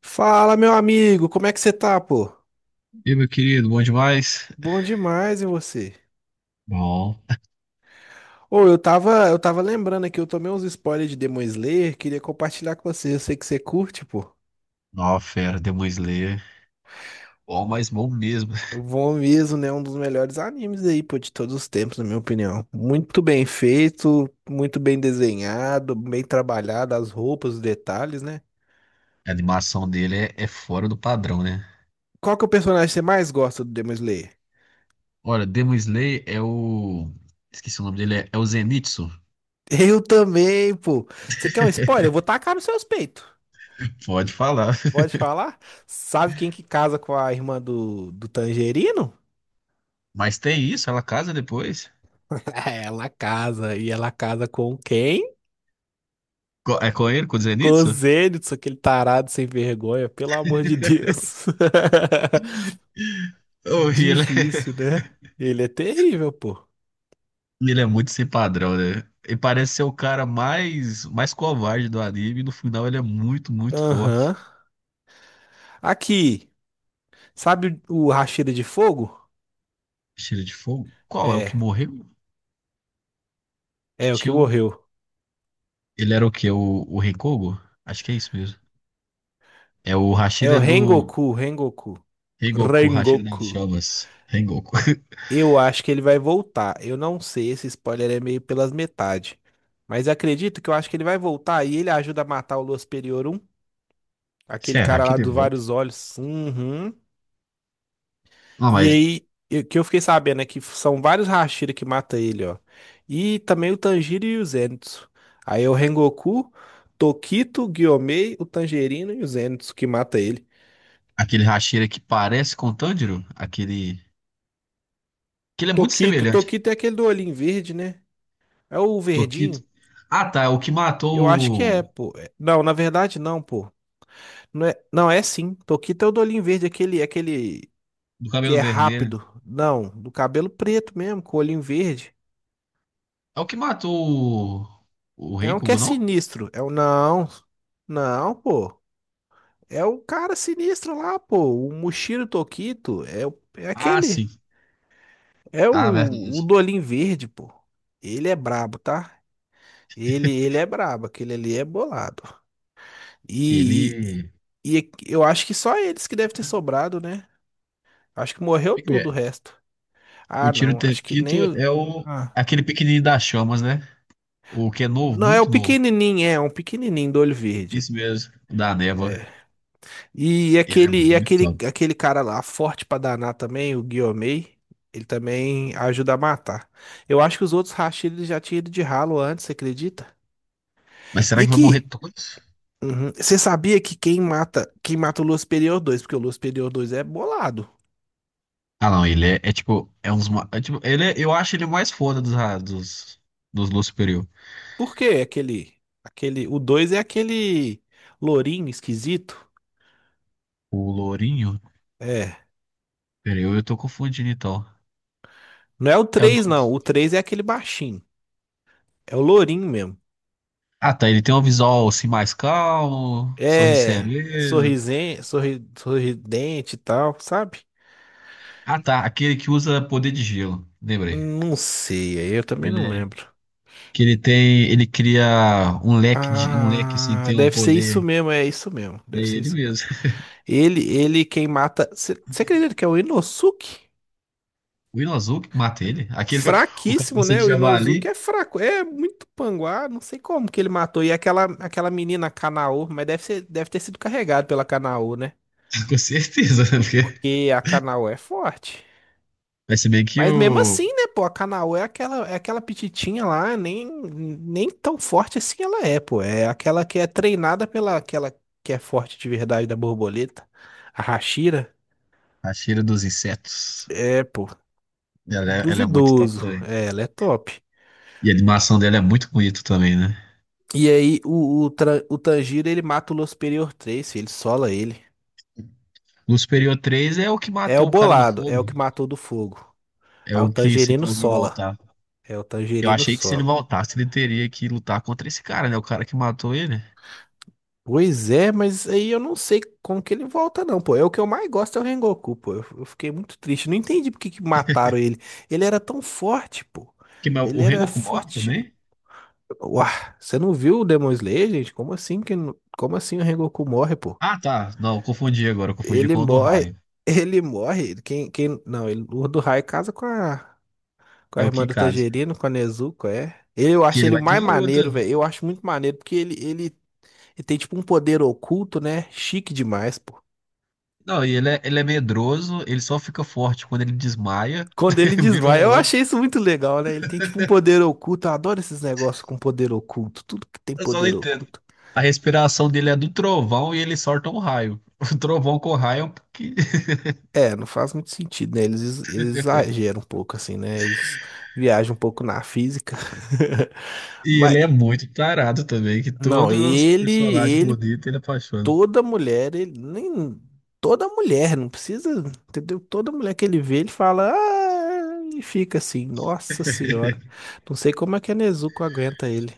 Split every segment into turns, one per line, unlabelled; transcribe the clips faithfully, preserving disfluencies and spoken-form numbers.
Fala, meu amigo, como é que você tá, pô?
E aí, meu querido, bom demais?
Bom demais, e você?
Bom,
Ô, eu tava, eu tava lembrando aqui, eu tomei uns spoilers de Demon Slayer, queria compartilhar com você, eu sei que você curte, pô.
nova fera, Demon Slayer. Bom, mas bom mesmo.
Bom mesmo, né? Um dos melhores animes aí, pô, de todos os tempos, na minha opinião. Muito bem feito, muito bem desenhado, bem trabalhado, as roupas, os detalhes, né?
A animação dele é, é fora do padrão, né?
Qual que é o personagem que você mais gosta do Demon Slayer?
Olha, Demon Slayer é o. Esqueci o nome dele, é, é o Zenitsu.
Eu também, pô. Você quer um spoiler? Eu vou tacar nos seus peitos.
Pode falar.
Pode falar? Sabe quem que casa com a irmã do, do Tangerino?
Mas tem isso, ela casa depois.
Ela casa. E ela casa com quem?
Co- É com ele, com o
Com o
Zenitsu?
Zenitsu, aquele tarado sem vergonha, pelo amor de Deus.
Oh, e ele é...
Difícil, né? Ele é terrível, pô.
ele é muito sem padrão, né? Ele parece ser o cara mais, mais covarde do anime. E no final, ele é muito, muito
Aham.
forte.
Aqui, sabe o Hashira de Fogo?
Cheiro de fogo? Qual é o que
É,
morreu? Que
é o que
tinha um.
morreu.
Ele era o quê? O, o Rengoku? Acho que é isso mesmo. É o
É o
Hashira é do
Rengoku, Rengoku.
Rengoku, o Hashira das
Rengoku.
Chamas. Rengoku.
Eu acho que ele vai voltar. Eu não sei, esse spoiler é meio pelas metades. Mas acredito que eu acho que ele vai voltar e ele ajuda a matar o Lua Superiorum, aquele
Será
cara
que
lá
ele
dos
volta?
vários olhos. Uhum.
Não,
E
mas
aí, eu- que eu fiquei sabendo é que são vários Hashira que mata ele, ó. E também o Tanjiro e o Zenitsu. Aí é o Rengoku, Tokito, Gyomei, o Tangerino e o Zenitsu que mata ele.
aquele Hashira que parece com o Tanjiro, aquele. Que ele é muito
Tokito,
semelhante
Tokito é aquele do olhinho verde, né? É o
ao Tokito.
verdinho?
Ah, tá. É o que
Eu acho que
matou
é,
o.
pô. É- Não, na verdade não, pô. Não é, não, é sim. Toquita é o do olhinho verde, aquele, aquele,
Do
que
cabelo
é
vermelho.
rápido. Não, do cabelo preto mesmo, com o olhinho verde.
É o que matou o. O
É um que é
Rengoku, não?
sinistro. É o não. Não, pô. É o cara sinistro lá, pô. O Mushiro Tokito é, o- é
Ah,
aquele.
sim.
É
Ah,
o, o
verdade.
do olhinho verde, pô. Ele é brabo, tá? Ele, ele é brabo, aquele ali é bolado. E,
Ele.
e, e eu acho que só eles que devem ter sobrado, né? Acho que morreu
Como é que
tudo
é?
o resto.
O
Ah,
Tiro
não. Acho que
Tequito
nem o.
é o.
Ah.
Aquele pequenininho das chamas, né? O que é novo,
Não, é o
muito novo.
pequenininho, é um pequenininho do olho verde.
Isso mesmo, o da Neva.
É. E
Ele é
aquele, e
muito
aquele,
top.
aquele cara lá, forte pra danar também, o Guiomei, ele também ajuda a matar. Eu acho que os outros Rashid já tinham ido de ralo antes, você acredita?
Mas
E
será que vai morrer
aqui,
todos?
uhum, você sabia que quem mata, quem mata o Lua Superior dois. Porque o Lua Superior dois é bolado.
Ah, não, ele é, é tipo, é uns. Ma- é tipo, ele é- eu acho ele o mais foda dos, ra- dos, dos Lua Superior.
Por quê? Aquele, aquele, o dois é aquele lourinho esquisito.
O Lourinho?
É.
Peraí, eu, eu tô confundindo então.
Não é o
É o do.
três não. O três é aquele baixinho. É o lourinho mesmo.
Ah, tá, ele tem um visual assim mais calmo, sorriso
É
sereno.
sorrisen, sorri, sorridente e tal, sabe?
Ah, tá, aquele que usa poder de gelo, lembrei.
Não sei, aí eu também não
Ele é.
lembro.
Que ele tem. Ele cria um leque, de, um leque assim, que
Ah,
tem um
deve ser isso
poder.
mesmo, é isso mesmo.
É
Deve ser
ele
isso mesmo.
mesmo.
Ele, ele quem mata. Você acredita que é o Inosuke?
O Hilo Azul que mata ele? Aquele, o
Fraquíssimo,
cabeça
né?
de
O Inosuke
javali?
é fraco, é muito panguá, não sei como que ele matou. E aquela, aquela, menina Kanao, mas deve ser, deve ter sido carregado pela Kanao, né?
Com certeza, né? Porque
Porque a Kanao é forte.
vai ser bem que
Mas mesmo
o,
assim, né, pô, a Kanaô é aquela, é aquela, pititinha lá, nem, nem tão forte assim ela é, pô. É aquela que é treinada pela aquela que é forte de verdade da borboleta, a Hashira.
a cheira dos insetos,
É, pô,
ela é, ela é muito top
duvidoso.
também.
É, ela é top.
E a animação dela é muito bonita também, né?
E aí o, o, Tra- o Tanjiro, ele mata o Losperior três, filho, ele sola ele.
No Superior três é o que
É o
matou o cara do
bolado, é o
fogo.
que matou do fogo.
É
Aí o
o que você
Tangerino
falou que vai
sola.
voltar.
É o
Eu
Tangerino
achei que se ele
sola.
voltasse, ele teria que lutar contra esse cara, né? O cara que matou ele.
Pois é, mas aí eu não sei como que ele volta, não, pô. É o que eu mais gosto é o Rengoku, pô. Eu, eu fiquei muito triste. Não entendi por que que mataram ele. Ele era tão forte, pô.
Que, mas
Ele
o
era
Rengoku morre
forte.
também?
Uau, você não viu o Demon Slayer, gente? Como assim que não- como assim o Rengoku morre, pô?
Ah, tá. Não, eu confundi agora. Eu confundi
Ele
com o do
morre.
Raio.
Ele morre. Quem quem não, ele, o do Rai casa com a com
É
a
o
irmã do
Kikaze.
Tangerino, com a Nezuko, é. Eu
Que
acho
ele
ele o
vai ter
mais
uma luta.
maneiro, velho. Eu acho muito maneiro porque ele ele, ele tem tipo um poder oculto, né? Chique demais, pô.
Não, e ele é, ele é medroso, ele só fica forte quando ele desmaia,
Quando ele
vira um
desmaia, eu
relâmpago.
achei isso muito legal, né? Ele tem tipo um poder oculto. Eu adoro esses negócios com poder oculto. Tudo que tem
Eu só não
poder
entendo.
oculto.
A respiração dele é do trovão e ele solta um raio. O trovão com raio, porque...
É, não faz muito sentido, né? Eles, ex- eles exageram um pouco, assim, né? Eles viajam um pouco na física.
E
Mas,
ele é muito tarado também, que
não,
todos os
ele,
personagens
ele,
bonitos ele apaixona.
toda mulher, ele, nem, toda mulher, não precisa, entendeu? Toda mulher que ele vê, ele fala, ah, e fica assim, nossa senhora. Não sei como é que a Nezuko aguenta ele.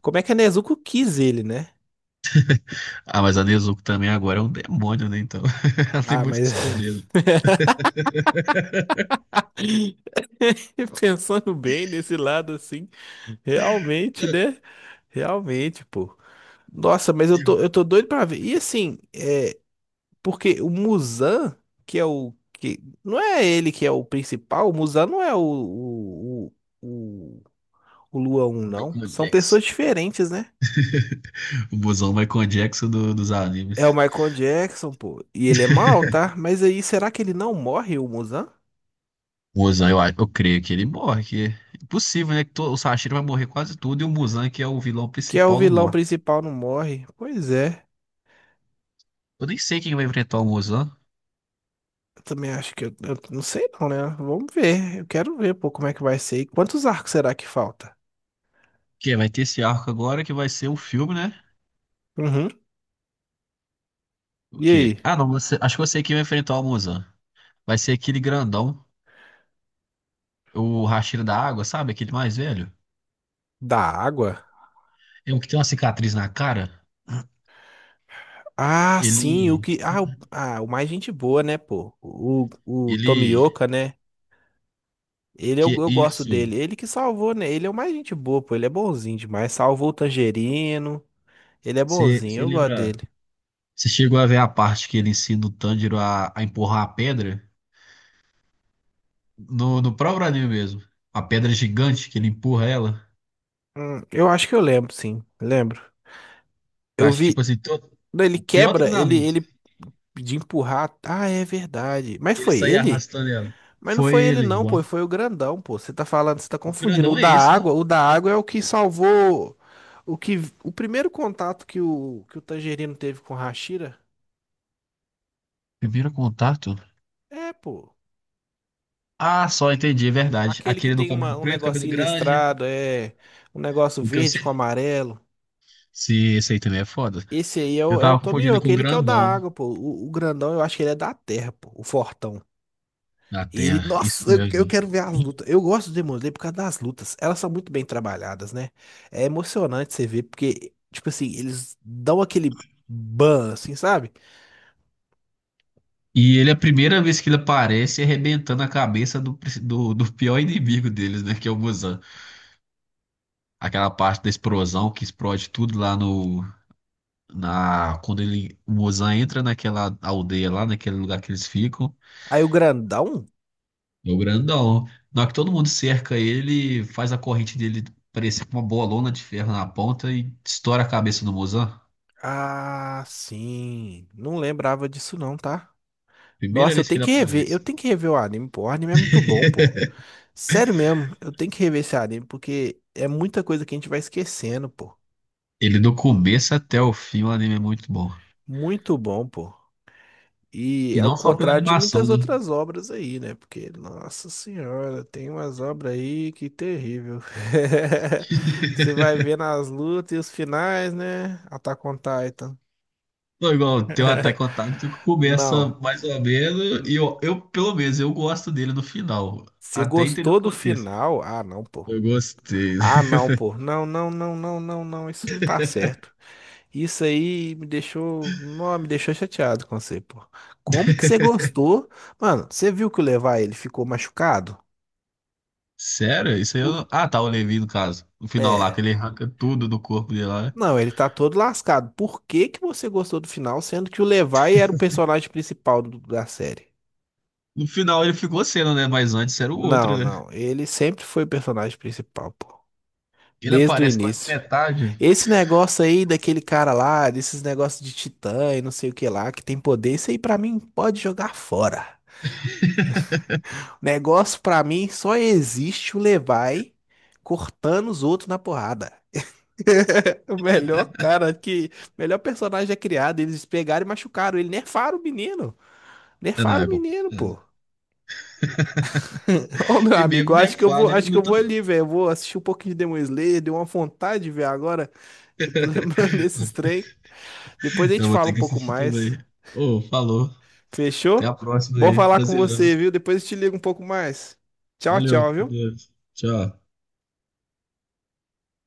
Como é que a Nezuko quis ele, né?
Ah, mas a Nezuko também agora é um demônio, né? Então, ela tem
Ah,
muito
mas
o que escolher, né?
pensando bem nesse lado assim, realmente, né? Realmente, pô. Nossa, mas eu
E
tô, eu
o
tô doido pra ver. E assim, é, porque o Muzan, que é o que não é ele que é o principal, o Muzan não é o, o, o, o o Lua um não.
Michael
São pessoas
Jackson.
diferentes, né?
O busão Michael Jackson do- dos
É o
animes.
Michael Jackson, pô. E ele é mal, tá? Mas aí, será que ele não morre, o Muzan?
O Muzan, eu, acho- eu creio que ele morre. Que... é impossível, né? Que to- o Sashiro vai morrer quase tudo e o Muzan, que é o vilão
Que é o
principal, não
vilão
morre.
principal, não morre? Pois é.
Eu nem sei quem vai enfrentar o Muzan.
Eu também acho que eu, eu não sei não, né? Vamos ver. Eu quero ver, pô, como é que vai ser. E quantos arcos será que falta?
Que? É, vai ter esse arco agora que vai ser o filme, né?
Uhum.
O
E
quê?
aí?
Ah, não, você... acho que eu sei quem vai enfrentar o Muzan. Vai ser aquele grandão, o Hashira da Água, sabe? Aquele mais velho.
Da água?
É o que tem uma cicatriz na cara.
Ah, sim, o
Ele.
que. Ah, o, ah, o mais gente boa, né, pô? O, o
Ele.
Tomioka, né? Ele eu,
Que
eu gosto dele.
isso?
Ele que salvou, né? Ele é o mais gente boa, pô. Ele é bonzinho demais. Salvou o Tangerino. Ele é
Você
bonzinho, eu gosto
lembra?
dele.
Você chegou a ver a parte que ele ensina o Tanjiro a, a empurrar a pedra? No, no próprio anime mesmo. A pedra gigante que ele empurra ela.
Hum, eu acho que eu lembro, sim. Lembro.
Que eu
Eu
acho, tipo
vi.
assim, todo,
Não, ele
o pior
quebra, ele,
treinamento.
ele de empurrar. Ah, é verdade. Mas
Ele
foi
sair
ele?
arrastando ela.
Mas não
Foi
foi ele
ele.
não,
O o
pô, foi o grandão, pô. Você tá falando, você tá confundindo. O
grandão é
da
esse, não?
água, o da água é o que salvou o que o primeiro contato que o que o Tangerino teve com o Hashira.
Primeiro contato?
É, pô.
Ah, só entendi, é verdade.
Aquele que
Aquele do
tem uma,
cabelo
um
preto, cabelo
negocinho
grande.
listrado, é um negócio
O que eu
verde com
sei.
amarelo.
Se esse aí também é foda.
Esse aí é
Eu
o, é o
tava confundindo ele com
Tomioka,
o
ele que é o da
grandão
água, pô. O, o grandão, eu acho que ele é da terra, pô, o fortão.
da
Ele,
Terra. Isso
nossa, eu eu
mesmo.
quero ver as lutas. Eu gosto do Demon Slayer por causa das lutas. Elas são muito bem trabalhadas, né? É emocionante você ver, porque, tipo assim, eles dão aquele ban, assim, sabe?
E ele, a primeira vez que ele aparece, é arrebentando a cabeça do, do, do pior inimigo deles, né? Que é o Muzan. Aquela parte da explosão que explode tudo lá no, na, quando ele, o Mozan, entra naquela aldeia lá, naquele lugar que eles ficam.
Aí o grandão.
É o grandão, na hora que todo mundo cerca ele, faz a corrente dele parecer com uma bolona de ferro na ponta e estoura a cabeça do Mozan.
Ah, sim. Não lembrava disso, não, tá?
Primeira
Nossa, eu
vez que
tenho
ele
que rever. Eu
aparece.
tenho que rever o anime, pô. O anime é muito bom, pô. Sério mesmo, eu tenho que rever esse anime, porque é muita coisa que a gente vai esquecendo, pô.
Ele, do começo até o fim, o anime é muito bom,
Muito bom, pô. E
e
ao
não só pela
contrário de
animação,
muitas
né?
outras obras aí, né? Porque, nossa senhora, tem umas obras aí que terrível. Você vai ver nas lutas e os finais, né? Attack on Titan.
Pô, igual tem o Attack on Titan que começa
Não.
mais ou menos e eu, eu pelo menos eu gosto dele no final,
Você
até entender o
gostou do
contexto.
final? Ah, não, pô.
Eu gostei.
Ah, não, pô. Não, não, não, não, não, não. Isso não tá certo. Isso aí me deixou. Não, me deixou chateado com você, pô. Como que você gostou? Mano, você viu que o Levi ele ficou machucado?
Sério? Isso aí eu...
O-
não- Ah, tá, o Levi, no caso. No final lá, que
É.
ele arranca tudo do corpo dele lá, né?
Não, ele tá todo lascado. Por que que você gostou do final, sendo que o Levi era o personagem principal do- da série?
No final ele ficou sendo, né? Mas antes era o
Não,
outro, né?
não. Ele sempre foi o personagem principal, pô.
Ele
Desde o
aparece quase na
início.
metade.
Esse negócio aí daquele cara lá, desses negócios de titã e não sei o que lá, que tem poder, isso aí pra mim pode jogar fora. O negócio pra mim só existe o Levi cortando os outros na porrada. O melhor cara que, melhor personagem é criado, eles pegaram e machucaram ele, nerfaram o menino.
É, não,
Nerfaram
é
o menino,
complicado.
pô. Ô, meu
E
amigo, eu
mesmo
acho que eu vou,
defado, ele
acho que eu
luta
vou ali,
mais.
velho. Eu vou assistir um pouquinho de Demon Slayer, deu uma vontade de ver agora, que eu tô lembrando desses trem. Depois a
Eu
gente
vou
fala um
ter que
pouco
assistir
mais.
também. Ô, falou. Até a
Fechou?
próxima
Bom
aí.
falar com
Prazerão.
você, viu? Depois eu te ligo um pouco mais. Tchau,
Valeu.
tchau, viu?
Adeus. Tchau.